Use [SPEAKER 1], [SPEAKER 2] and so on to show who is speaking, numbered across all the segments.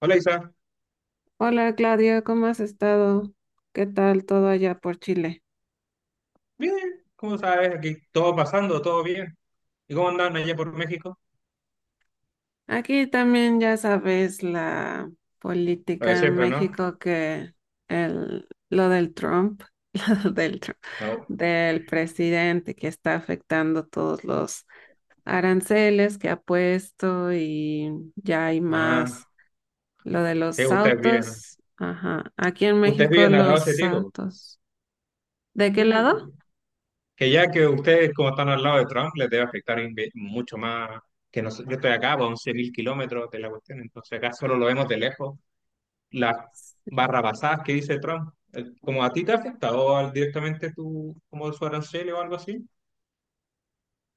[SPEAKER 1] Hola Isa,
[SPEAKER 2] Hola Claudia, ¿cómo has estado? ¿Qué tal todo allá por Chile?
[SPEAKER 1] bien, ¿cómo sabes? Aquí todo pasando, todo bien. ¿Y cómo andan allá por México?
[SPEAKER 2] Aquí también ya sabes la
[SPEAKER 1] Lo de
[SPEAKER 2] política en
[SPEAKER 1] siempre, ¿no?
[SPEAKER 2] México que lo del Trump, lo del Trump,
[SPEAKER 1] No.
[SPEAKER 2] del presidente que está afectando todos los aranceles que ha puesto y ya hay
[SPEAKER 1] Ah,
[SPEAKER 2] más lo de
[SPEAKER 1] sí,
[SPEAKER 2] los
[SPEAKER 1] ustedes viven.
[SPEAKER 2] autos. Ajá, aquí en
[SPEAKER 1] Ustedes
[SPEAKER 2] México
[SPEAKER 1] viven al lado de ese
[SPEAKER 2] los
[SPEAKER 1] tipo.
[SPEAKER 2] autos. ¿De
[SPEAKER 1] Sí,
[SPEAKER 2] qué lado?
[SPEAKER 1] que ustedes, como están al lado de Trump, les debe afectar mucho más que nosotros. Yo estoy acá, a 11.000 kilómetros de la cuestión, entonces acá solo lo vemos de lejos. Las barrabasadas que dice Trump. ¿Como a ti te afecta o directamente tú, como su arancel o algo así?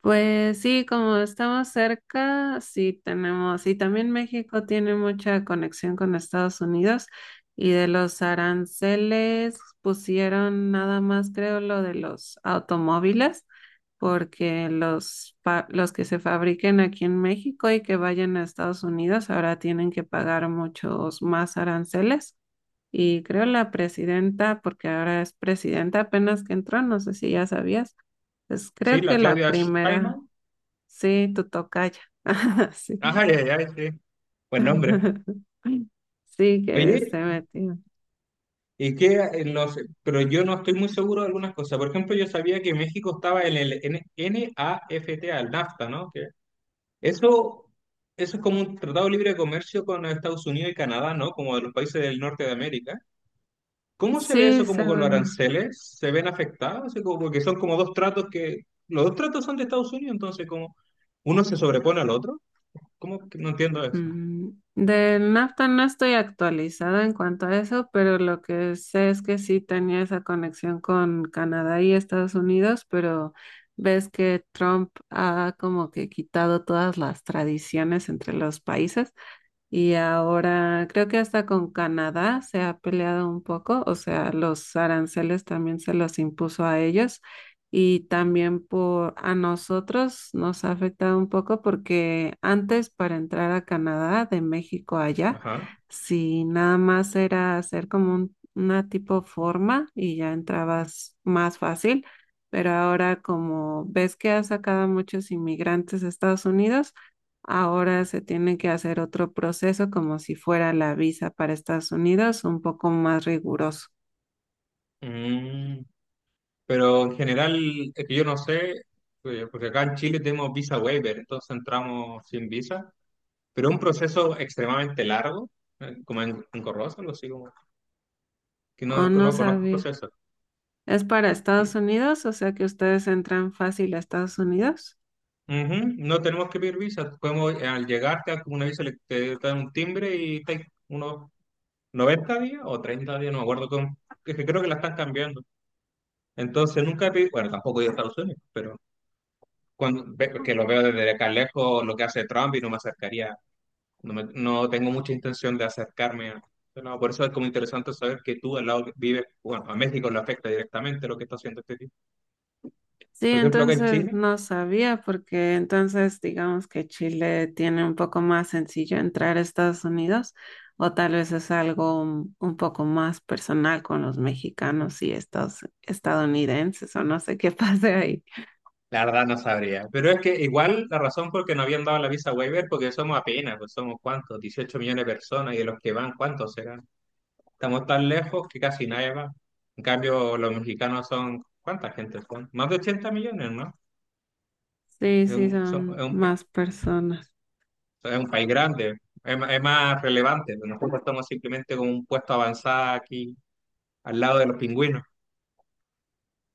[SPEAKER 2] Pues sí, como estamos cerca, sí tenemos, y también México tiene mucha conexión con Estados Unidos y de los aranceles pusieron nada más, creo, lo de los automóviles, porque los que se fabriquen aquí en México y que vayan a Estados Unidos ahora tienen que pagar muchos más aranceles. Y creo la presidenta, porque ahora es presidenta apenas que entró, no sé si ya sabías. Pues
[SPEAKER 1] Sí,
[SPEAKER 2] creo que
[SPEAKER 1] la
[SPEAKER 2] la
[SPEAKER 1] Claudia
[SPEAKER 2] primera.
[SPEAKER 1] Sheinbaum.
[SPEAKER 2] Sí, tu tocaya. Sí.
[SPEAKER 1] Ajá, ya, ya, sí. Buen nombre.
[SPEAKER 2] Sí, que se
[SPEAKER 1] Oye,
[SPEAKER 2] metió.
[SPEAKER 1] y que pero yo no estoy muy seguro de algunas cosas. Por ejemplo, yo sabía que México estaba en el NAFTA, el NAFTA, ¿no? Que eso, eso es como un tratado libre de comercio con Estados Unidos y Canadá, ¿no? Como de los países del norte de América. ¿Cómo se ve
[SPEAKER 2] Sí,
[SPEAKER 1] eso como con los
[SPEAKER 2] según yo.
[SPEAKER 1] aranceles? ¿Se ven afectados? Así porque son como dos tratos que, los dos tratos son de Estados Unidos, entonces como uno se sobrepone al otro. ¿Cómo que no entiendo eso?
[SPEAKER 2] Mm, Del NAFTA no estoy actualizada en cuanto a eso, pero lo que sé es que sí tenía esa conexión con Canadá y Estados Unidos, pero ves que Trump ha como que quitado todas las tradiciones entre los países. Y ahora creo que hasta con Canadá se ha peleado un poco, o sea, los aranceles también se los impuso a ellos y también por a nosotros nos ha afectado un poco porque antes para entrar a Canadá de México allá,
[SPEAKER 1] Ajá.
[SPEAKER 2] si nada más era hacer como una tipo forma y ya entrabas más fácil, pero ahora como ves que ha sacado a muchos inmigrantes a Estados Unidos, ahora se tiene que hacer otro proceso como si fuera la visa para Estados Unidos, un poco más riguroso.
[SPEAKER 1] Mm. Pero en general, es que yo no sé, porque acá en Chile tenemos visa waiver, entonces entramos sin visa, pero es un proceso extremadamente largo, engorroso, algo así como, que
[SPEAKER 2] Oh, no
[SPEAKER 1] no conozco el
[SPEAKER 2] sabía.
[SPEAKER 1] proceso.
[SPEAKER 2] ¿Es para Estados
[SPEAKER 1] Y-
[SPEAKER 2] Unidos? O sea que ustedes entran fácil a Estados Unidos.
[SPEAKER 1] Ujú, no tenemos que pedir visa, podemos, al llegar te dan como una visa, te dan un timbre y estáis unos 90 días o 30 días, no me acuerdo cómo, es que creo que la están cambiando. Entonces nunca he pedido, bueno, tampoco he ido a Estados Unidos, pero cuando, que lo veo desde acá lejos, lo que hace Trump y no me acercaría. No, no tengo mucha intención de acercarme a... No, por eso es como interesante saber que tú al lado que vives, bueno, a México le afecta directamente lo que está haciendo este tipo.
[SPEAKER 2] Sí,
[SPEAKER 1] Por ejemplo, acá en
[SPEAKER 2] entonces
[SPEAKER 1] Chile,
[SPEAKER 2] no sabía porque entonces digamos que Chile tiene un poco más sencillo entrar a Estados Unidos o tal vez es algo un poco más personal con los mexicanos y estos estadounidenses o no sé qué pase ahí.
[SPEAKER 1] la verdad no sabría. Pero es que igual la razón por que no habían dado la visa waiver, porque somos apenas, pues somos cuántos, 18 millones de personas y de los que van, ¿cuántos serán? Estamos tan lejos que casi nadie va. En cambio, los mexicanos son, ¿cuánta gente son? Más de 80 millones, ¿no?
[SPEAKER 2] Sí,
[SPEAKER 1] Es
[SPEAKER 2] sí,
[SPEAKER 1] un, son- es
[SPEAKER 2] son
[SPEAKER 1] un-
[SPEAKER 2] más personas.
[SPEAKER 1] sea, es un país grande, es más relevante. Pero nosotros estamos simplemente con un puesto avanzado aquí, al lado de los pingüinos.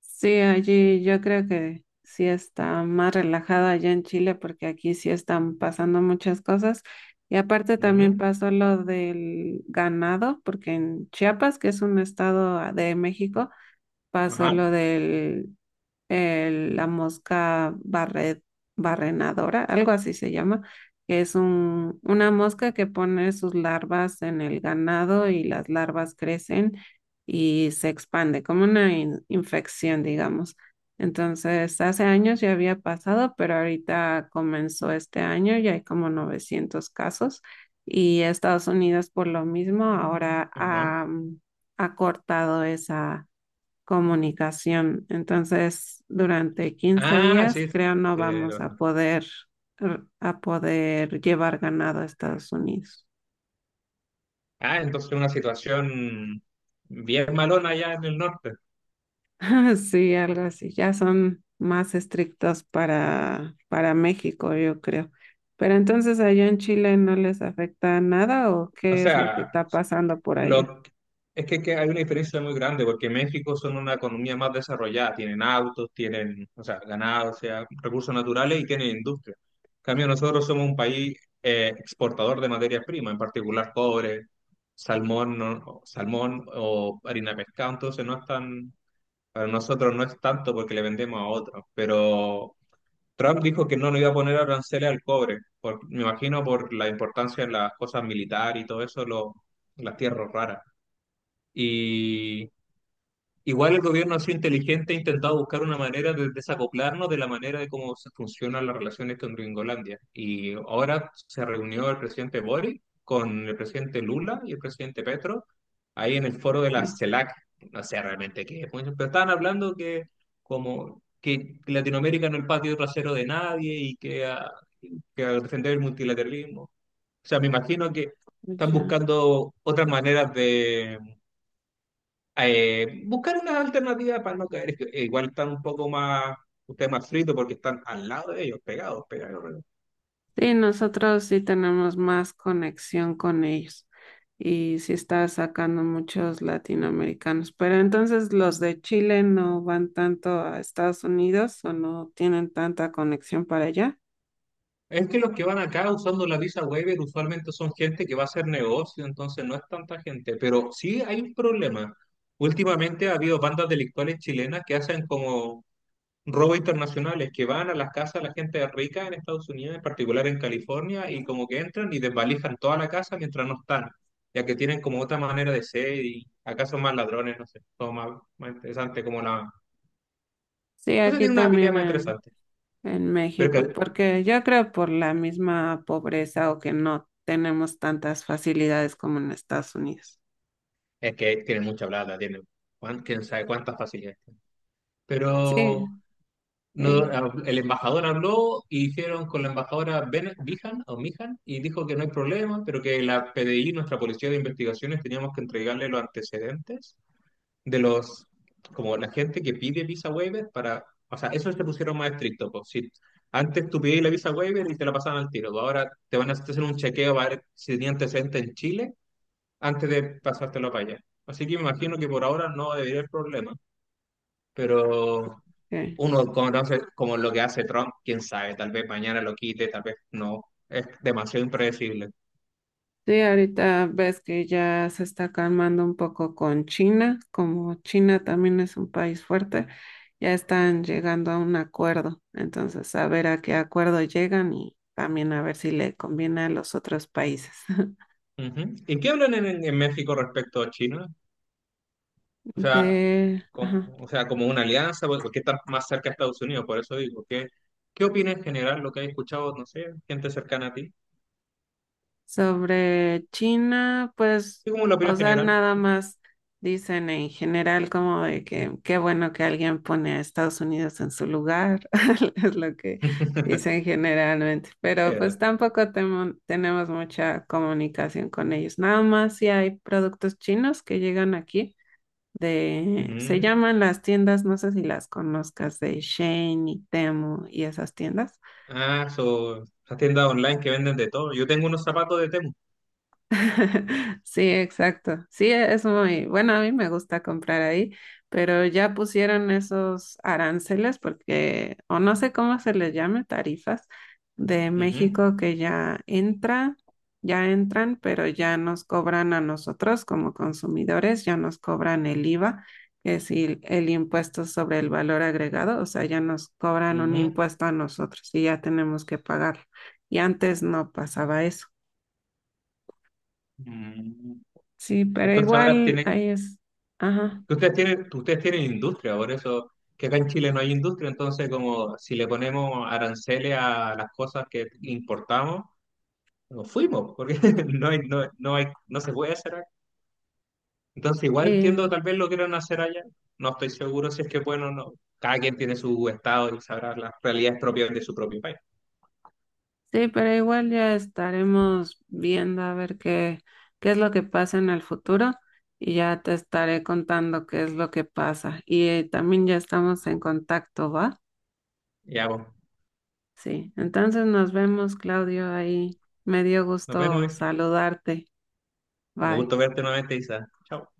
[SPEAKER 2] Sí, allí yo creo que sí está más relajado allá en Chile porque aquí sí están pasando muchas cosas. Y aparte también
[SPEAKER 1] Ujú,
[SPEAKER 2] pasó lo del ganado, porque en Chiapas, que es un estado ah, de México, pasó lo
[SPEAKER 1] ajá,
[SPEAKER 2] del la mosca barrenadora, algo así se llama, que es un, una mosca que pone sus larvas en el ganado y las larvas crecen y se expande, como una infección, digamos. Entonces, hace años ya había pasado, pero ahorita comenzó este año y hay como 900 casos. Y Estados Unidos, por lo mismo, ahora
[SPEAKER 1] ajá.
[SPEAKER 2] ha cortado esa comunicación. Entonces, durante quince
[SPEAKER 1] Ah,
[SPEAKER 2] días,
[SPEAKER 1] sí, sí,
[SPEAKER 2] creo no
[SPEAKER 1] sí,
[SPEAKER 2] vamos a
[SPEAKER 1] ajá.
[SPEAKER 2] poder, llevar ganado a Estados Unidos.
[SPEAKER 1] Ah, entonces una situación bien malona allá en el norte.
[SPEAKER 2] Sí, algo así. Ya son más estrictos para México, yo creo. ¿Pero entonces allá en Chile no les afecta nada o
[SPEAKER 1] O
[SPEAKER 2] qué es lo que
[SPEAKER 1] sea,
[SPEAKER 2] está pasando por allá?
[SPEAKER 1] Lo, es que hay una diferencia muy grande porque México son una economía más desarrollada, tienen autos, tienen, o sea, ganado, o sea, recursos naturales y tienen industria. En cambio, nosotros somos un país exportador de materias primas, en particular cobre, salmón, no- salmón o harina de pescado, entonces no es tan, para nosotros no es tanto porque le vendemos a otros, pero Trump dijo que no le iba a poner aranceles al cobre, me imagino por la importancia de las cosas militares y todo eso, las tierras raras. Y igual el gobierno ha sido inteligente, ha intentado buscar una manera de desacoplarnos de la manera de cómo se funcionan las relaciones con Gringolandia. Y ahora se reunió el presidente Boric con el presidente Lula y el presidente Petro ahí en el foro de la
[SPEAKER 2] Sí,
[SPEAKER 1] CELAC. No sé realmente qué es, pero estaban hablando que como que Latinoamérica no es el patio trasero de nadie y que, ah, que al defender el multilateralismo. O sea, me imagino que
[SPEAKER 2] pues
[SPEAKER 1] están
[SPEAKER 2] ya.
[SPEAKER 1] buscando otras maneras buscar una alternativa para no caer. Es que, igual están un poco más, ustedes más fritos porque están al lado de ellos, pegados, pegados, pegados.
[SPEAKER 2] Sí, nosotros sí tenemos más conexión con ellos y sí está sacando muchos latinoamericanos, pero entonces los de Chile no van tanto a Estados Unidos o no tienen tanta conexión para allá.
[SPEAKER 1] Es que los que van acá usando la visa waiver usualmente son gente que va a hacer negocio, entonces no es tanta gente, pero sí hay un problema. Últimamente ha habido bandas delictuales chilenas que hacen como robos internacionales que van a las casas de la gente rica en Estados Unidos, en particular en California, y como que entran y desvalijan toda la casa mientras no están, ya que tienen como otra manera de ser y acá son más ladrones, no sé, son más, más interesante como la...
[SPEAKER 2] Sí,
[SPEAKER 1] No sé,
[SPEAKER 2] aquí
[SPEAKER 1] tiene una habilidad
[SPEAKER 2] también
[SPEAKER 1] más
[SPEAKER 2] en,
[SPEAKER 1] interesante,
[SPEAKER 2] en
[SPEAKER 1] pero que,
[SPEAKER 2] México, porque yo creo por la misma pobreza o que no tenemos tantas facilidades como en Estados Unidos.
[SPEAKER 1] es que tienen mucha plata, tienen quién sabe cuántas facilidades tienen.
[SPEAKER 2] Sí,
[SPEAKER 1] Pero no,
[SPEAKER 2] sí.
[SPEAKER 1] el embajador habló y hicieron con la embajadora Ben Bijan o Mijan y dijo que no hay problema, pero que la PDI, nuestra policía de investigaciones, teníamos que entregarle los antecedentes de los, como la gente que pide visa waiver para, o sea, eso se pusieron más estricto, pues, si antes tú pedías la visa waiver y te la pasaban al tiro, pues, ahora te van a hacer un chequeo para ver si tenía antecedentes en Chile antes de pasártelo para allá. Así que me imagino que por ahora no debería haber problema, pero
[SPEAKER 2] Ok.
[SPEAKER 1] uno conoce como lo que hace Trump, quién sabe, tal vez mañana lo quite, tal vez no. Es demasiado impredecible.
[SPEAKER 2] Sí, ahorita ves que ya se está calmando un poco con China, como China también es un país fuerte, ya están llegando a un acuerdo, entonces a ver a qué acuerdo llegan y también a ver si le conviene a los otros países.
[SPEAKER 1] Ujú. ¿Y qué hablan en México respecto a China? O sea,
[SPEAKER 2] De, ajá.
[SPEAKER 1] o sea, como una alianza, porque están más cerca a Estados Unidos, por eso digo, ¿qué opina en general lo que has escuchado, no sé, gente cercana a ti?
[SPEAKER 2] Sobre China, pues,
[SPEAKER 1] ¿Y cómo es la
[SPEAKER 2] o
[SPEAKER 1] opinión
[SPEAKER 2] sea,
[SPEAKER 1] general?
[SPEAKER 2] nada más dicen en general como de que qué bueno que alguien pone a Estados Unidos en su lugar, es lo que dicen generalmente, pero pues
[SPEAKER 1] Eh,
[SPEAKER 2] tampoco tenemos mucha comunicación con ellos, nada más si hay productos chinos que llegan aquí de, se
[SPEAKER 1] ujú.
[SPEAKER 2] llaman las tiendas, no sé si las conozcas, de Shein y Temu y esas tiendas.
[SPEAKER 1] Ah, so, las tiendas online que venden de todo. Yo tengo unos zapatos de Temu.
[SPEAKER 2] Sí, exacto. Sí, es muy bueno. A mí me gusta comprar ahí, pero ya pusieron esos aranceles porque, o no sé cómo se les llame, tarifas de
[SPEAKER 1] Ujú,
[SPEAKER 2] México que ya entra, ya entran, pero ya nos cobran a nosotros como consumidores, ya nos cobran el IVA, que es el impuesto sobre el valor agregado, o sea, ya nos cobran un
[SPEAKER 1] ujú.
[SPEAKER 2] impuesto a nosotros y ya tenemos que pagarlo. Y antes no pasaba eso.
[SPEAKER 1] Mm.
[SPEAKER 2] Sí, pero
[SPEAKER 1] Entonces ahora
[SPEAKER 2] igual
[SPEAKER 1] tienen.
[SPEAKER 2] ahí es. Ajá.
[SPEAKER 1] Que ustedes tienen, que ustedes tienen industria, por eso que acá en Chile no hay industria, entonces como si le ponemos aranceles a las cosas que importamos, nos fuimos, porque no hay, no, no hay, no se puede hacer acá. Entonces igual entiendo,
[SPEAKER 2] Sí,
[SPEAKER 1] tal vez lo quieran hacer allá, no estoy seguro si es que bueno o no. Cada quien tiene su estado y sabrá las realidades propias de su propio país.
[SPEAKER 2] sí, pero igual ya estaremos viendo a ver qué es lo que pasa en el futuro y ya te estaré contando qué es lo que pasa. Y también ya estamos en contacto, ¿va?
[SPEAKER 1] Ya, pues,
[SPEAKER 2] Sí, entonces nos vemos, Claudio, ahí. Me dio
[SPEAKER 1] nos vemos,
[SPEAKER 2] gusto
[SPEAKER 1] Isa.
[SPEAKER 2] saludarte.
[SPEAKER 1] Un
[SPEAKER 2] Bye.
[SPEAKER 1] gusto verte nuevamente, Isa. Chao.